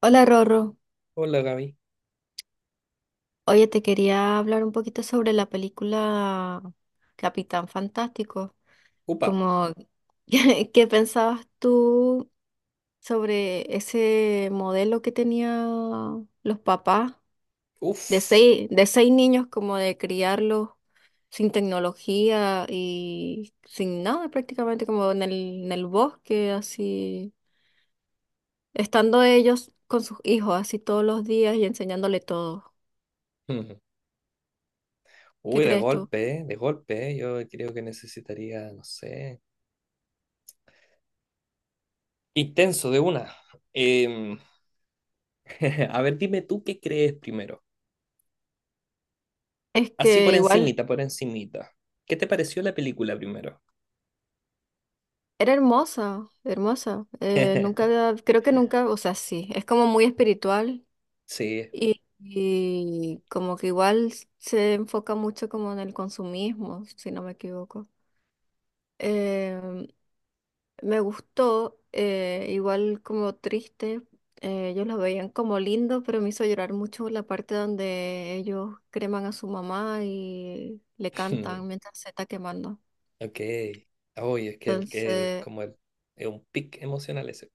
Hola Rorro, Hola, Gaby. oye, te quería hablar un poquito sobre la película Capitán Fantástico. Como, ¿qué pensabas tú sobre ese modelo que tenían los papás de seis niños, como de criarlos sin tecnología y sin nada, prácticamente como en el bosque, así, estando ellos con sus hijos así todos los días y enseñándole todo? ¿Qué Uy, de crees tú? golpe, ¿eh? De golpe, ¿eh? Yo creo que necesitaría, no sé. Intenso, de una. Em, a ver, dime tú qué crees primero. Es Así por que igual... encimita, por encimita. ¿Qué te pareció la película primero? Era hermosa, hermosa. Nunca había- creo que nunca, o sea, sí, es como muy espiritual Sí. Y como que igual se enfoca mucho como en el consumismo, si no me equivoco. Em, Me gustó, igual como triste, ellos lo veían como lindo, pero me hizo llorar mucho la parte donde ellos creman a su mamá y le cantan mientras se está quemando. Ok. Uy, es que el que es Entonces... como el, es un pic emocional ese.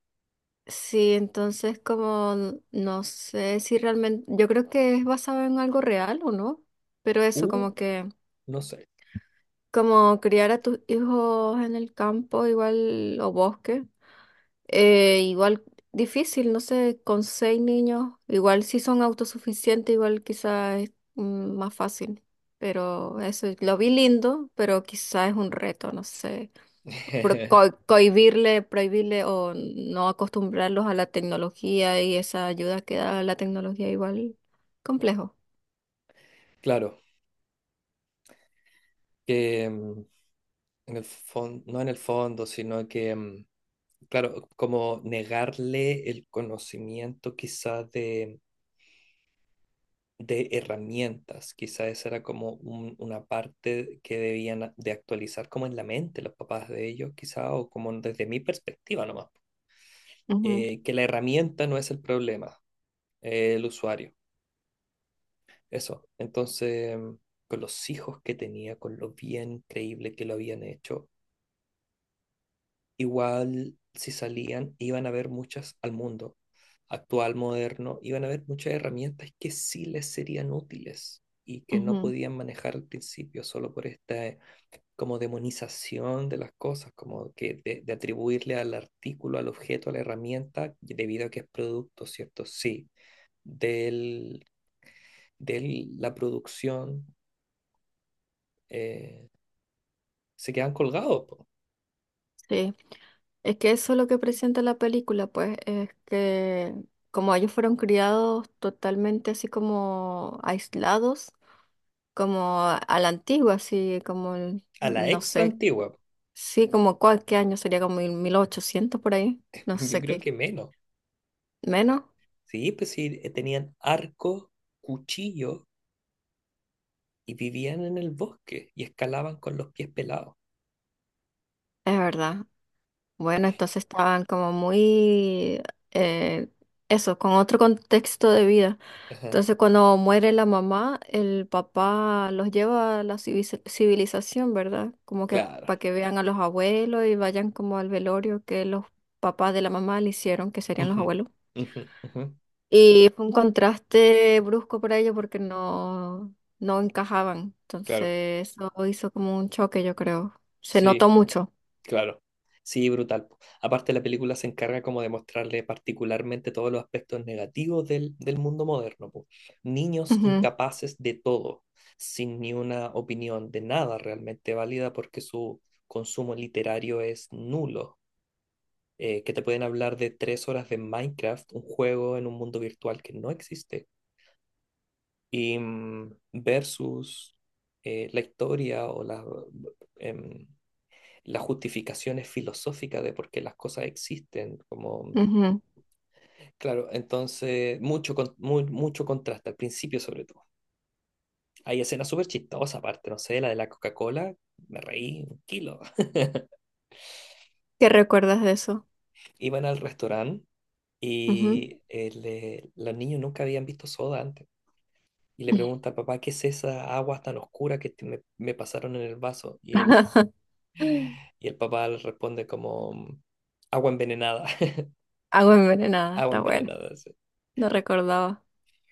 Sí, entonces como no sé si realmente, yo creo que es basado en algo real o no, pero eso Uh, como que, no sé. como criar a tus hijos en el campo igual o bosque, igual difícil, no sé, con seis niños, igual si son autosuficientes, igual quizás es más fácil, pero eso lo vi lindo, pero quizás es un reto, no sé cohibirle, prohibirle o no acostumbrarlos a la tecnología y esa ayuda que da la tecnología igual complejo. Claro, que en el fondo, no en el fondo, sino que, claro, como negarle el conocimiento quizás de herramientas, quizás esa era como una parte que debían de actualizar como en la mente los papás de ellos, quizás, o como desde mi perspectiva nomás, Ujú, que la herramienta no es el problema, el usuario, eso. Entonces, con los hijos que tenía, con lo bien creíble que lo habían hecho, igual si salían, iban a ver muchas al mundo actual, moderno, iban a ver muchas herramientas que sí les serían útiles y que no ujú, podían manejar al principio solo por esta como demonización de las cosas, como que de atribuirle al artículo, al objeto, a la herramienta, debido a que es producto, ¿cierto? Sí, del, de la producción, eh, se quedan colgados po. sí. Es que eso es lo que presenta la película, pues, es que como ellos fueron criados totalmente así como aislados, como a la antigua, así como, el- A la no extra sé, antigua. sí, como cuál, qué año sería como 1000, 1800 por ahí, no Yo sé creo qué, que menos. menos, Sí, pues sí, tenían arcos, cuchillos y vivían en el bosque y escalaban con los pies pelados. es verdad. Bueno, entonces estaban como muy, eh, eso, con otro contexto de vida. Ajá, Entonces, cuando muere la mamá, el papá los lleva a la civi- civilización, ¿verdad? Como que claro. para que vean a los abuelos y vayan como al velorio que los papás de la mamá le hicieron, que serían los Ujú, abuelos. ujú, ujú. Y fue un contraste brusco para ellos porque no, no encajaban. Claro, Entonces, eso hizo como un choque, yo creo. Se notó sí, mucho. claro. Sí, brutal po. Aparte, la película se encarga como de mostrarle particularmente todos los aspectos negativos del, del mundo moderno po. Niños incapaces de todo, sin ni una opinión de nada realmente válida porque su consumo literario es nulo. Eh, que te pueden hablar de 3 horas de Minecraft, un juego en un mundo virtual que no existe, y versus la historia o las em, las justificaciones filosóficas de por qué las cosas existen, como, Ujú, ujú. claro, entonces mucho, mucho contraste al principio sobre todo. Hay escenas súper chistosas aparte, no sé, la de la Coca-Cola, me reí un kilo. ¿Qué recuerdas de eso? Iban al restaurante Ujú. y los niños nunca habían visto soda antes, y le pregunta al papá: ¿Qué es esa agua tan oscura que me pasaron en el vaso? Y él, y el papá le responde como, agua envenenada. Agua envenenada, Agua está bueno, envenenada, sí. no recordaba.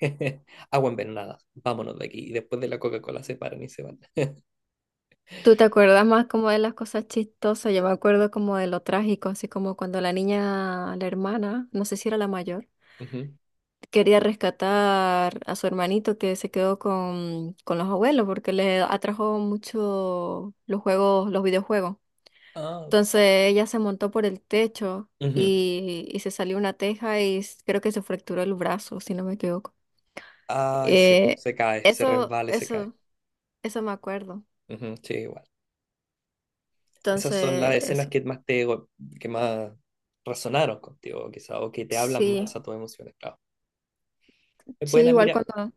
Agua envenenada, vámonos de aquí. Y después de la Coca-Cola se paran y se van. ¿Tú te acuerdas más como de las cosas chistosas? Yo me acuerdo como de lo trágico, así como cuando la niña, la hermana, no sé si era la mayor, Ujú. quería rescatar a su hermanito que se quedó con los abuelos porque le atrajo mucho los juegos, los videojuegos. Ah, Entonces ella se montó por el techo ujú. Y se salió una teja y creo que se fracturó el brazo, si no me equivoco. Ay, sí, Eh, se cae, se resbala y se cae. eso. Eso me acuerdo. Ujú, sí, igual. Esas son las Entonces, escenas eso. Que más resonaron contigo, quizá, o que te hablan Sí, más a tus emociones, claro. Es sí, buena, igual mira. cuando,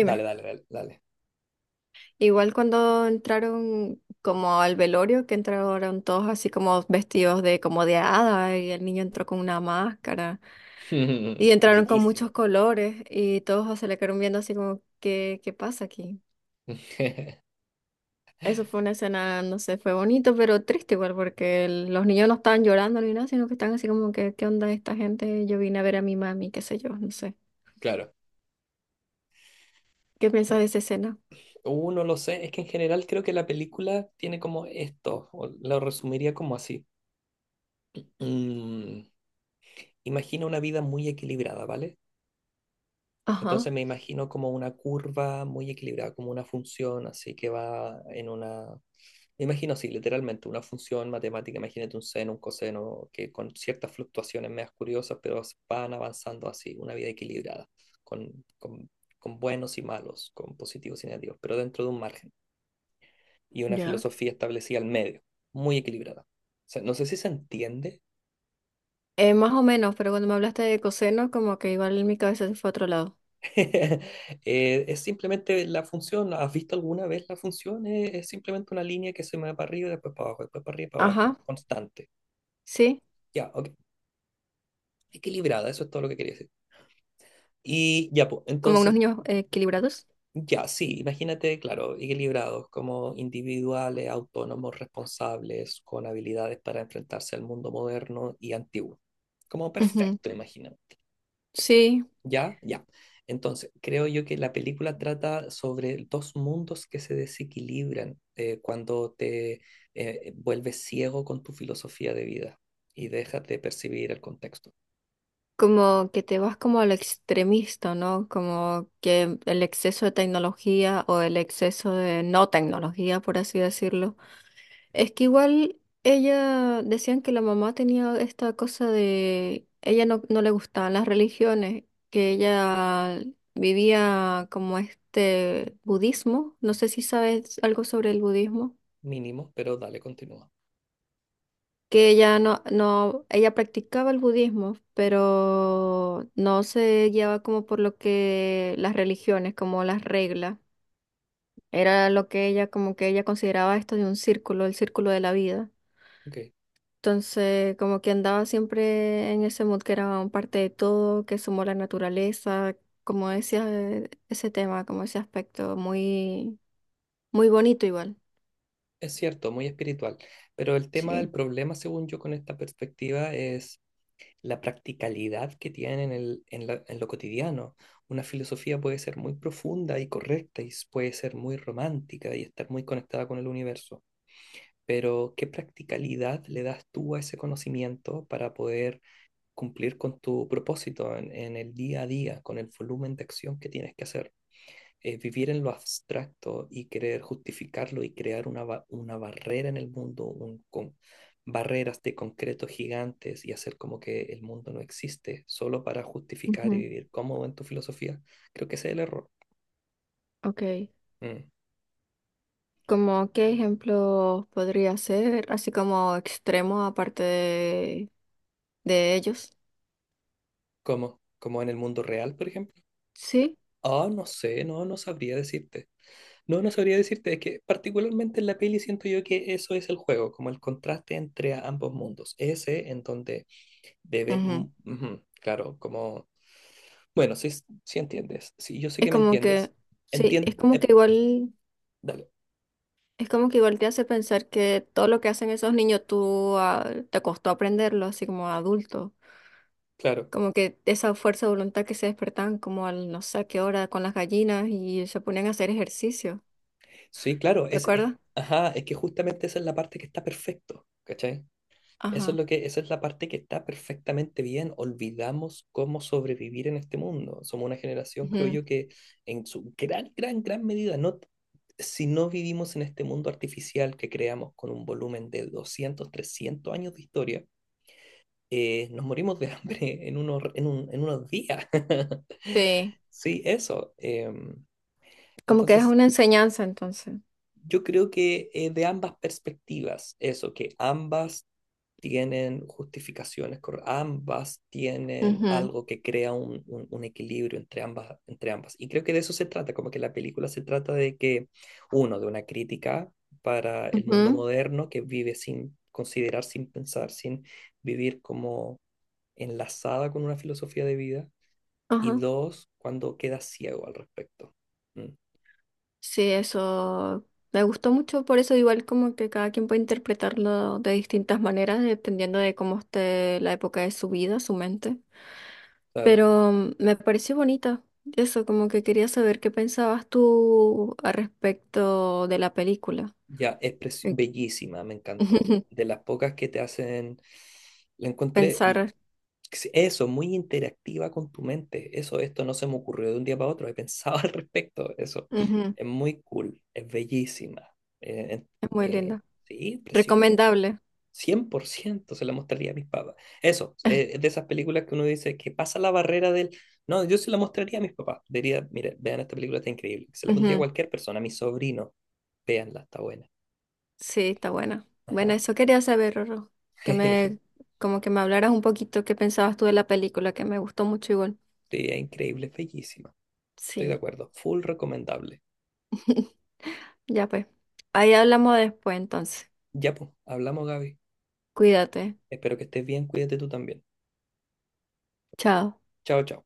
Dale, dale, dale, dale. igual cuando entraron como al velorio, que entraron todos así como vestidos de como de hada y el niño entró con una máscara y entraron con muchos Bellísimo. colores y todos se le quedaron viendo así como, ¿qué pasa aquí? Eso fue una escena, no sé, fue bonito, pero triste igual porque el- los niños no estaban llorando ni nada, sino que estaban así como que, ¿qué onda esta gente? Yo vine a ver a mi mami, qué sé yo, no sé. Claro. ¿Qué piensas de esa escena? No lo sé, es que en general creo que la película tiene como esto, o lo resumiría como así. Mm, Imagino una vida muy equilibrada, ¿vale? Ajá. Entonces me imagino como una curva muy equilibrada, como una función así que va en una... Me imagino así, literalmente, una función matemática, imagínate un seno, un coseno, que con ciertas fluctuaciones medias curiosas, pero van avanzando así, una vida equilibrada, con, con buenos y malos, con positivos y negativos, pero dentro de un margen, y una Ya. filosofía establecida al medio, muy equilibrada. O sea, no sé si se entiende. Más o menos, pero cuando me hablaste de coseno, como que igual mi cabeza se fue a otro lado. Es simplemente la función. ¿Has visto alguna vez la función? Es, simplemente una línea que se mueve para arriba y después para abajo, después para arriba y para Ajá, abajo, constante. sí, Ya, ok. Equilibrada, eso es todo lo que quería decir. Y ya, pues, como unos entonces, niños equilibrados. ya, sí, imagínate, claro, equilibrados como individuales, autónomos, responsables, con habilidades para enfrentarse al mundo moderno y antiguo. Como Ujú. perfecto, imagina. Sí, Ya, ya. Entonces, creo yo que la película trata sobre dos mundos que se desequilibran, cuando te vuelves ciego con tu filosofía de vida y dejas de percibir el contexto. como que te vas como al extremista, ¿no? Como que el exceso de tecnología o el exceso de no tecnología, por así decirlo. Es que igual ella decían que la mamá tenía esta cosa de ella no, no le gustaban las religiones, que ella vivía como este budismo, no sé si sabes algo sobre el budismo, Mínimo, pero dale, continúa. que ella no, no, ella practicaba el budismo, pero no se guiaba como por lo que las religiones, como las reglas. Era lo que ella, como que ella consideraba esto de un círculo, el círculo de la vida. Ok. Entonces, como que andaba siempre en ese mood que era un parte de todo, que sumó la naturaleza, como decía, ese tema, como ese aspecto, muy, muy bonito igual. Es cierto, muy espiritual, pero el tema Sí. del problema, según yo, con esta perspectiva es la practicalidad que tiene en el, en lo cotidiano. Una filosofía puede ser muy profunda y correcta y puede ser muy romántica y estar muy conectada con el universo, pero ¿qué practicalidad le das tú a ese conocimiento para poder cumplir con tu propósito en, el día a día, con el volumen de acción que tienes que hacer? Vivir en lo abstracto y querer justificarlo y crear una, una barrera en el mundo, un, con barreras de concreto gigantes y hacer como que el mundo no existe solo para justificar y Ujú. vivir cómodo en tu filosofía, creo que ese es el error. Ok. Mm. ¿Como qué ejemplo podría ser, así como extremo, aparte de ellos? ¿Cómo? ¿Como en el mundo real, por ejemplo? Sí. Ah, no sé, no, no sabría decirte. No, no sabría decirte, es que particularmente en la peli siento yo que eso es el juego, como el contraste entre ambos mundos. Ese en donde debe Ujú. Ujú, claro, como, bueno, sí, sí entiendes, sí, yo sé Es que me como entiendes. que, sí, Entiende, es como que igual, dale, es como que igual te hace pensar que todo lo que hacen esos niños tú ah, te costó aprenderlo, así como adulto. claro. Como que esa fuerza de voluntad que se despertaban como al no sé qué hora con las gallinas y se ponían a hacer ejercicio, Sí, claro, ¿te es, acuerdas? ajá, es que justamente esa es la parte que está perfecto, ¿cachai? Eso es Ajá. lo que, Esa es la parte que está perfectamente bien. Olvidamos cómo sobrevivir en este mundo. Somos una generación, creo Ujú, yo, que en su gran, gran, gran medida, no, si no vivimos en este mundo artificial que creamos con un volumen de 200 300 años de historia, nos morimos de hambre en en unos días. sí, Sí, eso. Como que es Entonces, una enseñanza entonces. yo creo que de ambas perspectivas, eso, que ambas tienen justificaciones, ambas tienen Ujú, algo que crea un, un equilibrio entre ambas, entre ambas. Y creo que de eso se trata, como que la película se trata de que, uno, de una crítica para el mundo ujú, moderno que vive sin considerar, sin pensar, sin vivir como enlazada con una filosofía de vida. Y ajá. dos, cuando queda ciego al respecto. Mm, Sí, eso me gustó mucho, por eso igual como que cada quien puede interpretarlo de distintas maneras, dependiendo de cómo esté la época de su vida, su mente. claro. Pero me pareció bonita, eso como que quería saber qué pensabas tú al respecto de la película. Ya, es Eh, bellísima, me encantó. De las pocas que te hacen, la encontré, Pensar, eso, muy interactiva con tu mente. Eso, esto no se me ocurrió de un día para otro, he pensado al respecto. Eso, ujú, es muy cool, es bellísima. Eh, es muy eh, linda. sí, precioso. Recomendable. 100% se la mostraría a mis papás. Eso, es de esas películas que uno dice que pasa la barrera del... No, yo se la mostraría a mis papás. Diría, mire, vean esta película, está increíble. Se la pondría a Ujú. cualquier persona, a mi sobrino. Véanla, está buena. Sí, está buena. Bueno, Ajá. eso quería saber, Rorro. Que me, como que me hablaras un poquito qué pensabas tú de la película, que me gustó mucho igual. Sí, es increíble, es bellísima. Estoy de Sí. acuerdo. Full recomendable. Ya pues. Ahí hablamos después entonces. Ya, pues, hablamos, Gaby. Cuídate. Espero que estés bien, cuídate tú también. Chao. Chao, chao.